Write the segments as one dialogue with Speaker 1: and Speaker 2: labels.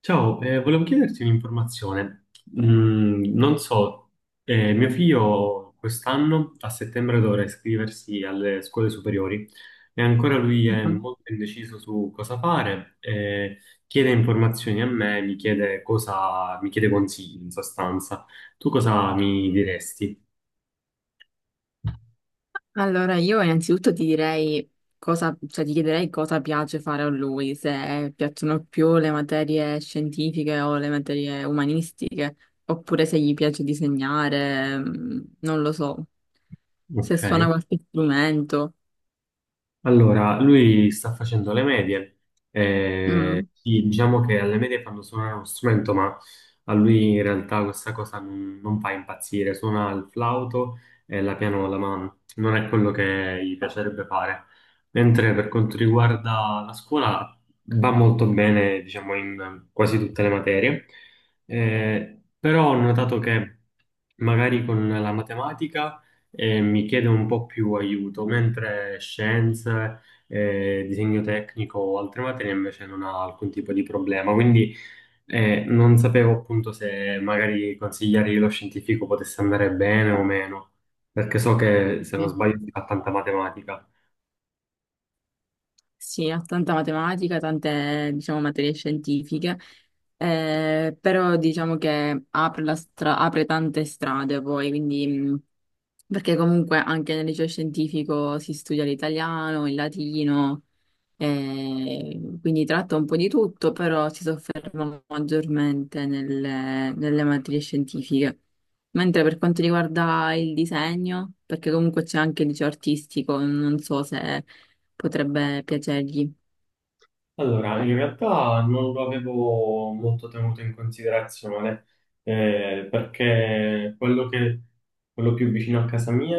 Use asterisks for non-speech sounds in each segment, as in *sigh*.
Speaker 1: Ciao, volevo chiederti un'informazione. Non so, mio figlio quest'anno a settembre dovrà iscriversi alle scuole superiori e ancora lui è molto indeciso su cosa fare, chiede informazioni a me, mi chiede cosa, mi chiede consigli in sostanza. Tu cosa mi diresti?
Speaker 2: Allora, io innanzitutto ti direi cosa, cioè ti chiederei cosa piace fare a lui, se piacciono più le materie scientifiche o le materie umanistiche, oppure se gli piace disegnare, mm, non lo so, se
Speaker 1: Ok.
Speaker 2: suona qualche strumento.
Speaker 1: Allora, lui sta facendo le medie,
Speaker 2: Mm.
Speaker 1: sì, diciamo che alle medie fanno suonare uno strumento, ma a lui in realtà questa cosa non fa impazzire, suona il flauto e la pianola, ma non è quello che gli piacerebbe fare. Mentre per quanto riguarda la scuola va molto bene, diciamo, in quasi tutte le materie. Però ho notato che magari con la matematica e mi chiede un po' più aiuto, mentre scienze, disegno tecnico o altre materie invece non ha alcun tipo di problema. Quindi non sapevo appunto se magari consigliargli lo scientifico potesse andare bene o meno, perché so che se non
Speaker 2: Sì.
Speaker 1: sbaglio si fa tanta matematica.
Speaker 2: Sì, ha tanta matematica, tante, diciamo, materie scientifiche, però diciamo che apre tante strade poi, quindi, perché comunque anche nel liceo scientifico si studia l'italiano, il latino, quindi tratta un po' di tutto, però si sofferma maggiormente nelle materie scientifiche. Mentre per quanto riguarda il disegno, perché comunque c'è anche il liceo artistico, non so se potrebbe piacergli.
Speaker 1: Allora, in realtà non lo avevo molto tenuto in considerazione, perché quello più vicino a casa mia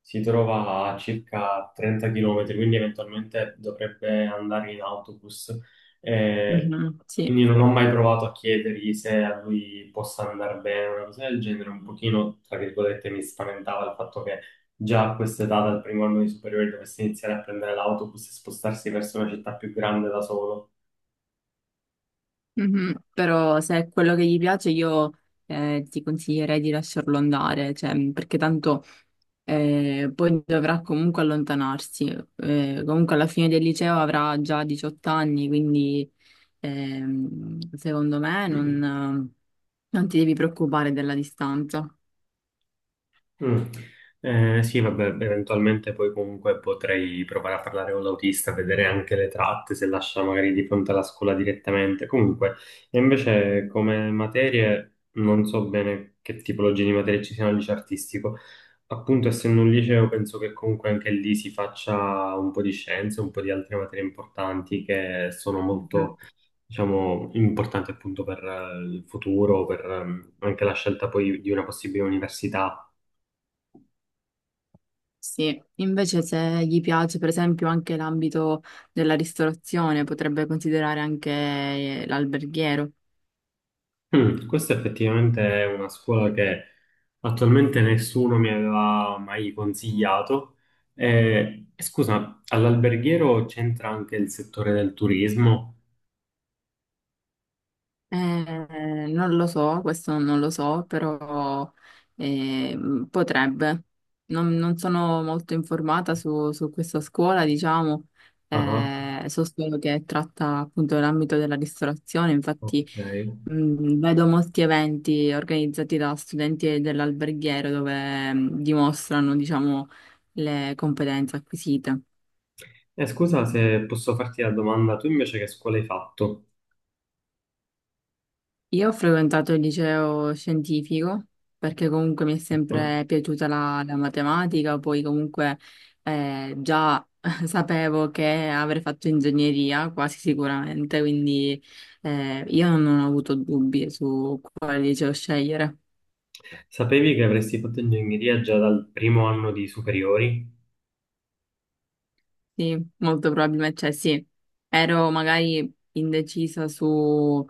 Speaker 1: si trova a circa 30 km, quindi eventualmente dovrebbe andare in autobus. Eh,
Speaker 2: Mhm. Sì.
Speaker 1: quindi non ho mai provato a chiedergli se a lui possa andare bene, una cosa del genere, un pochino, tra virgolette, mi spaventava il fatto che già a questa età, dal primo anno di superiore, dovesse iniziare a prendere l'autobus e spostarsi verso una città più grande da solo.
Speaker 2: Mhm. Però se è quello che gli piace io ti consiglierei di lasciarlo andare, cioè, perché tanto poi dovrà comunque allontanarsi. Comunque alla fine del liceo avrà già 18 anni, quindi secondo me non ti devi preoccupare della distanza.
Speaker 1: Mm. Sì, vabbè, eventualmente poi comunque potrei provare a parlare con l'autista, vedere anche le tratte, se lascia magari di fronte alla scuola direttamente. Comunque, e invece come materie non so bene che tipologie di materie ci siano al liceo artistico. Appunto, essendo un liceo, penso che comunque anche lì si faccia un po' di scienze, un po' di altre materie importanti che sono
Speaker 2: Mhm.
Speaker 1: molto, diciamo, importanti appunto per il futuro, per anche la scelta poi di una possibile università.
Speaker 2: Sì, invece se gli piace per esempio anche l'ambito della ristorazione, potrebbe considerare anche l'alberghiero.
Speaker 1: Mm, questa effettivamente è una scuola che attualmente nessuno mi aveva mai consigliato. E scusa, all'alberghiero c'entra anche il settore del turismo?
Speaker 2: Eh, non lo so, questo non lo so, però potrebbe. Non sono molto informata su questa scuola, diciamo,
Speaker 1: Ah,
Speaker 2: so solo che tratta appunto l'ambito della ristorazione, infatti
Speaker 1: ok.
Speaker 2: vedo molti eventi organizzati da studenti dell'alberghiero dove dimostrano, diciamo, le competenze acquisite.
Speaker 1: Scusa se posso farti la domanda, tu invece che scuola hai fatto?
Speaker 2: Io ho frequentato il liceo scientifico perché comunque mi è
Speaker 1: Ah.
Speaker 2: sempre piaciuta la matematica, poi comunque già *laughs* sapevo che avrei fatto ingegneria quasi sicuramente, quindi io non ho avuto dubbi su quale liceo scegliere.
Speaker 1: Sapevi che avresti fatto ingegneria già dal primo anno di superiori?
Speaker 2: Sì, molto probabilmente, cioè sì, ero magari indecisa su,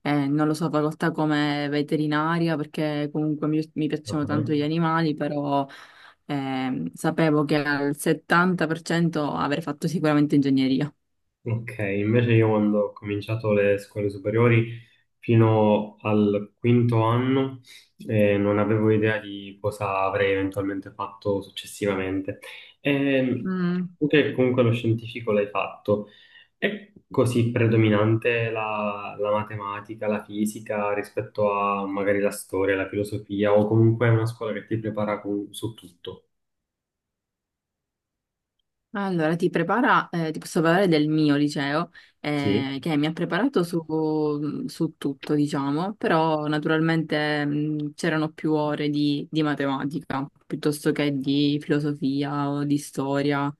Speaker 2: non lo so, facoltà come veterinaria, perché comunque mi piacciono
Speaker 1: Ah.
Speaker 2: tanto gli animali, però sapevo che al 70% avrei fatto sicuramente ingegneria.
Speaker 1: Ok, invece io quando ho cominciato le scuole superiori, fino al quinto anno non avevo idea di cosa avrei eventualmente fatto successivamente. Ehm,
Speaker 2: Mm.
Speaker 1: Tu che comunque lo scientifico l'hai fatto, è così predominante la matematica, la fisica rispetto a magari la storia, la filosofia o comunque è una scuola che ti prepara su tutto?
Speaker 2: Allora, ti prepara, ti posso parlare del mio liceo,
Speaker 1: Sì.
Speaker 2: che mi ha preparato su, su tutto, diciamo, però naturalmente c'erano più ore di matematica piuttosto che di filosofia o di storia.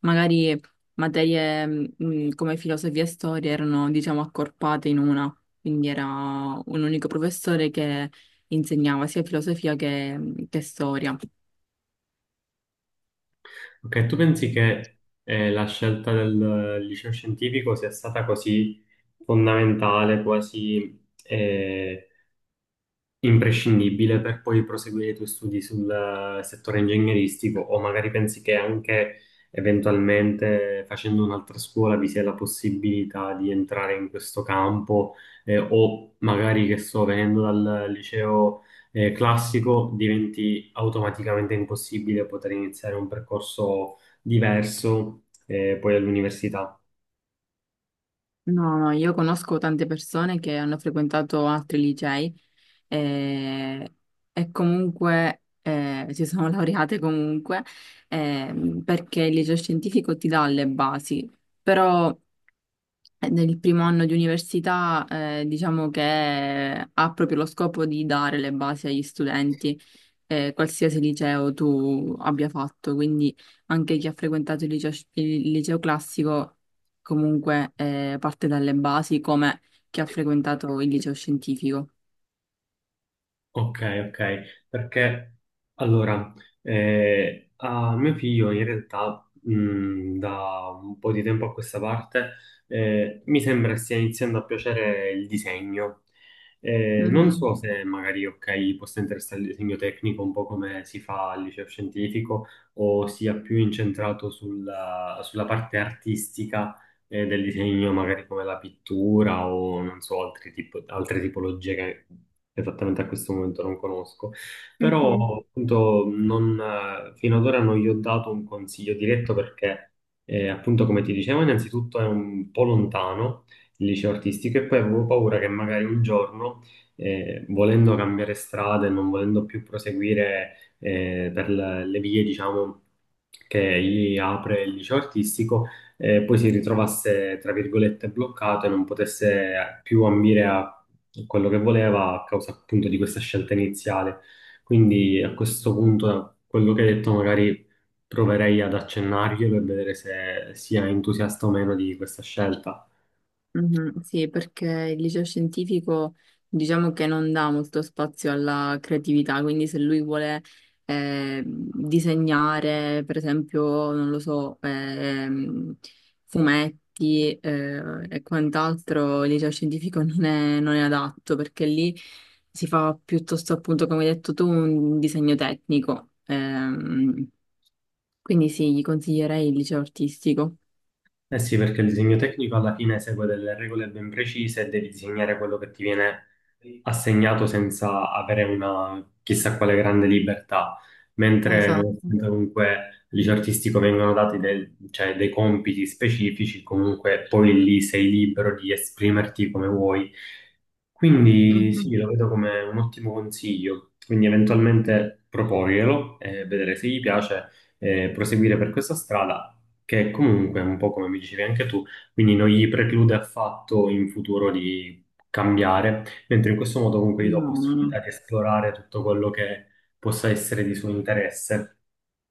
Speaker 2: Magari materie come filosofia e storia erano, diciamo, accorpate in una, quindi era un unico professore che insegnava sia filosofia che storia.
Speaker 1: Ok, tu pensi che la scelta del liceo scientifico sia stata così fondamentale, quasi imprescindibile per poi proseguire i tuoi studi sul settore ingegneristico, o magari pensi che anche eventualmente facendo un'altra scuola vi sia la possibilità di entrare in questo campo, o magari che sto venendo dal liceo classico diventi automaticamente impossibile poter iniziare un percorso diverso poi all'università.
Speaker 2: No, no, io conosco tante persone che hanno frequentato altri licei eh, e comunque si sono *laughs* laureate comunque perché il liceo scientifico ti dà le basi, però nel primo anno di università diciamo che ha proprio lo scopo di dare le basi agli studenti qualsiasi liceo tu abbia fatto, quindi anche chi ha frequentato il liceo classico comunque parte dalle basi come chi ha frequentato il liceo scientifico.
Speaker 1: Ok, ok, perché allora, a mio figlio in realtà da un po' di tempo a questa parte mi sembra stia iniziando a piacere il disegno. Non
Speaker 2: Mhm.
Speaker 1: so se magari, ok, possa interessare il disegno tecnico un po' come si fa al liceo scientifico o sia più incentrato sulla parte artistica del disegno, magari come la pittura o non so, altre tipologie che esattamente a questo momento non conosco. Però appunto non, fino ad ora non gli ho dato un consiglio diretto perché appunto come ti dicevo innanzitutto è un po' lontano il liceo artistico e poi avevo paura che magari un giorno volendo cambiare strada e non volendo più proseguire per le vie, diciamo, che gli apre il liceo artistico, poi si ritrovasse, tra virgolette, bloccato e non potesse più ambire a quello che voleva a causa appunto di questa scelta iniziale. Quindi a questo punto, da quello che hai detto, magari proverei ad accennargli per vedere se sia entusiasta o meno di questa scelta.
Speaker 2: Mhm, sì, perché il liceo scientifico diciamo che non dà molto spazio alla creatività, quindi se lui vuole disegnare, per esempio, non lo so, fumetti e quant'altro, il liceo scientifico *laughs* non è adatto perché lì si fa piuttosto, appunto, come hai detto tu, un disegno tecnico. Quindi sì, gli consiglierei il liceo artistico.
Speaker 1: Eh sì, perché il disegno tecnico alla fine segue delle regole ben precise e devi disegnare quello che ti viene assegnato senza avere una chissà quale grande libertà. Mentre
Speaker 2: Esatto.
Speaker 1: nonostante comunque gli artistico vengono dati cioè, dei compiti specifici, comunque poi lì sei libero di esprimerti come vuoi, quindi
Speaker 2: Mhm.
Speaker 1: sì, lo vedo come un ottimo consiglio, quindi eventualmente proporglielo e vedere se gli piace e proseguire per questa strada che comunque, un po' come mi dicevi anche tu, quindi non gli preclude affatto in futuro di cambiare, mentre in questo modo comunque gli do
Speaker 2: No, no,
Speaker 1: possibilità
Speaker 2: no.
Speaker 1: di esplorare tutto quello che possa essere di suo interesse.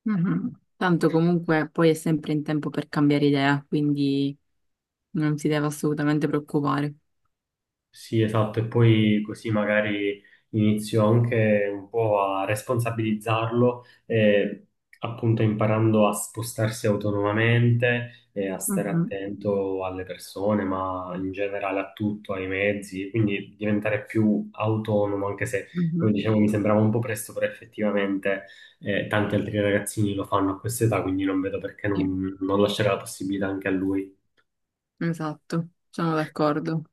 Speaker 2: Mhm. Tanto comunque poi è sempre in tempo per cambiare idea, quindi non si deve assolutamente preoccupare.
Speaker 1: Sì, esatto, e poi così magari inizio anche un po' a responsabilizzarlo, appunto imparando a spostarsi autonomamente e a stare
Speaker 2: Mhm,
Speaker 1: attento alle persone, ma in generale a tutto, ai mezzi, quindi diventare più autonomo, anche se, come
Speaker 2: mhm,
Speaker 1: dicevo, mi sembrava un po' presto, però effettivamente tanti altri ragazzini lo fanno a questa età, quindi non vedo perché
Speaker 2: sì,
Speaker 1: non lasciare la possibilità anche a lui.
Speaker 2: esatto, sono d'accordo.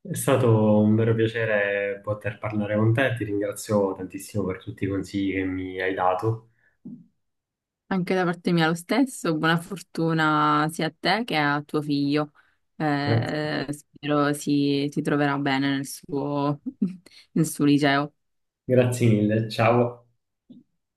Speaker 1: È stato un vero piacere poter parlare con te, ti ringrazio tantissimo per tutti i consigli che mi hai dato.
Speaker 2: Anche da parte mia lo stesso, buona fortuna sia a te che a tuo figlio.
Speaker 1: Grazie,
Speaker 2: Spero si troverà bene nel suo, *laughs* nel suo liceo.
Speaker 1: grazie mille, ciao.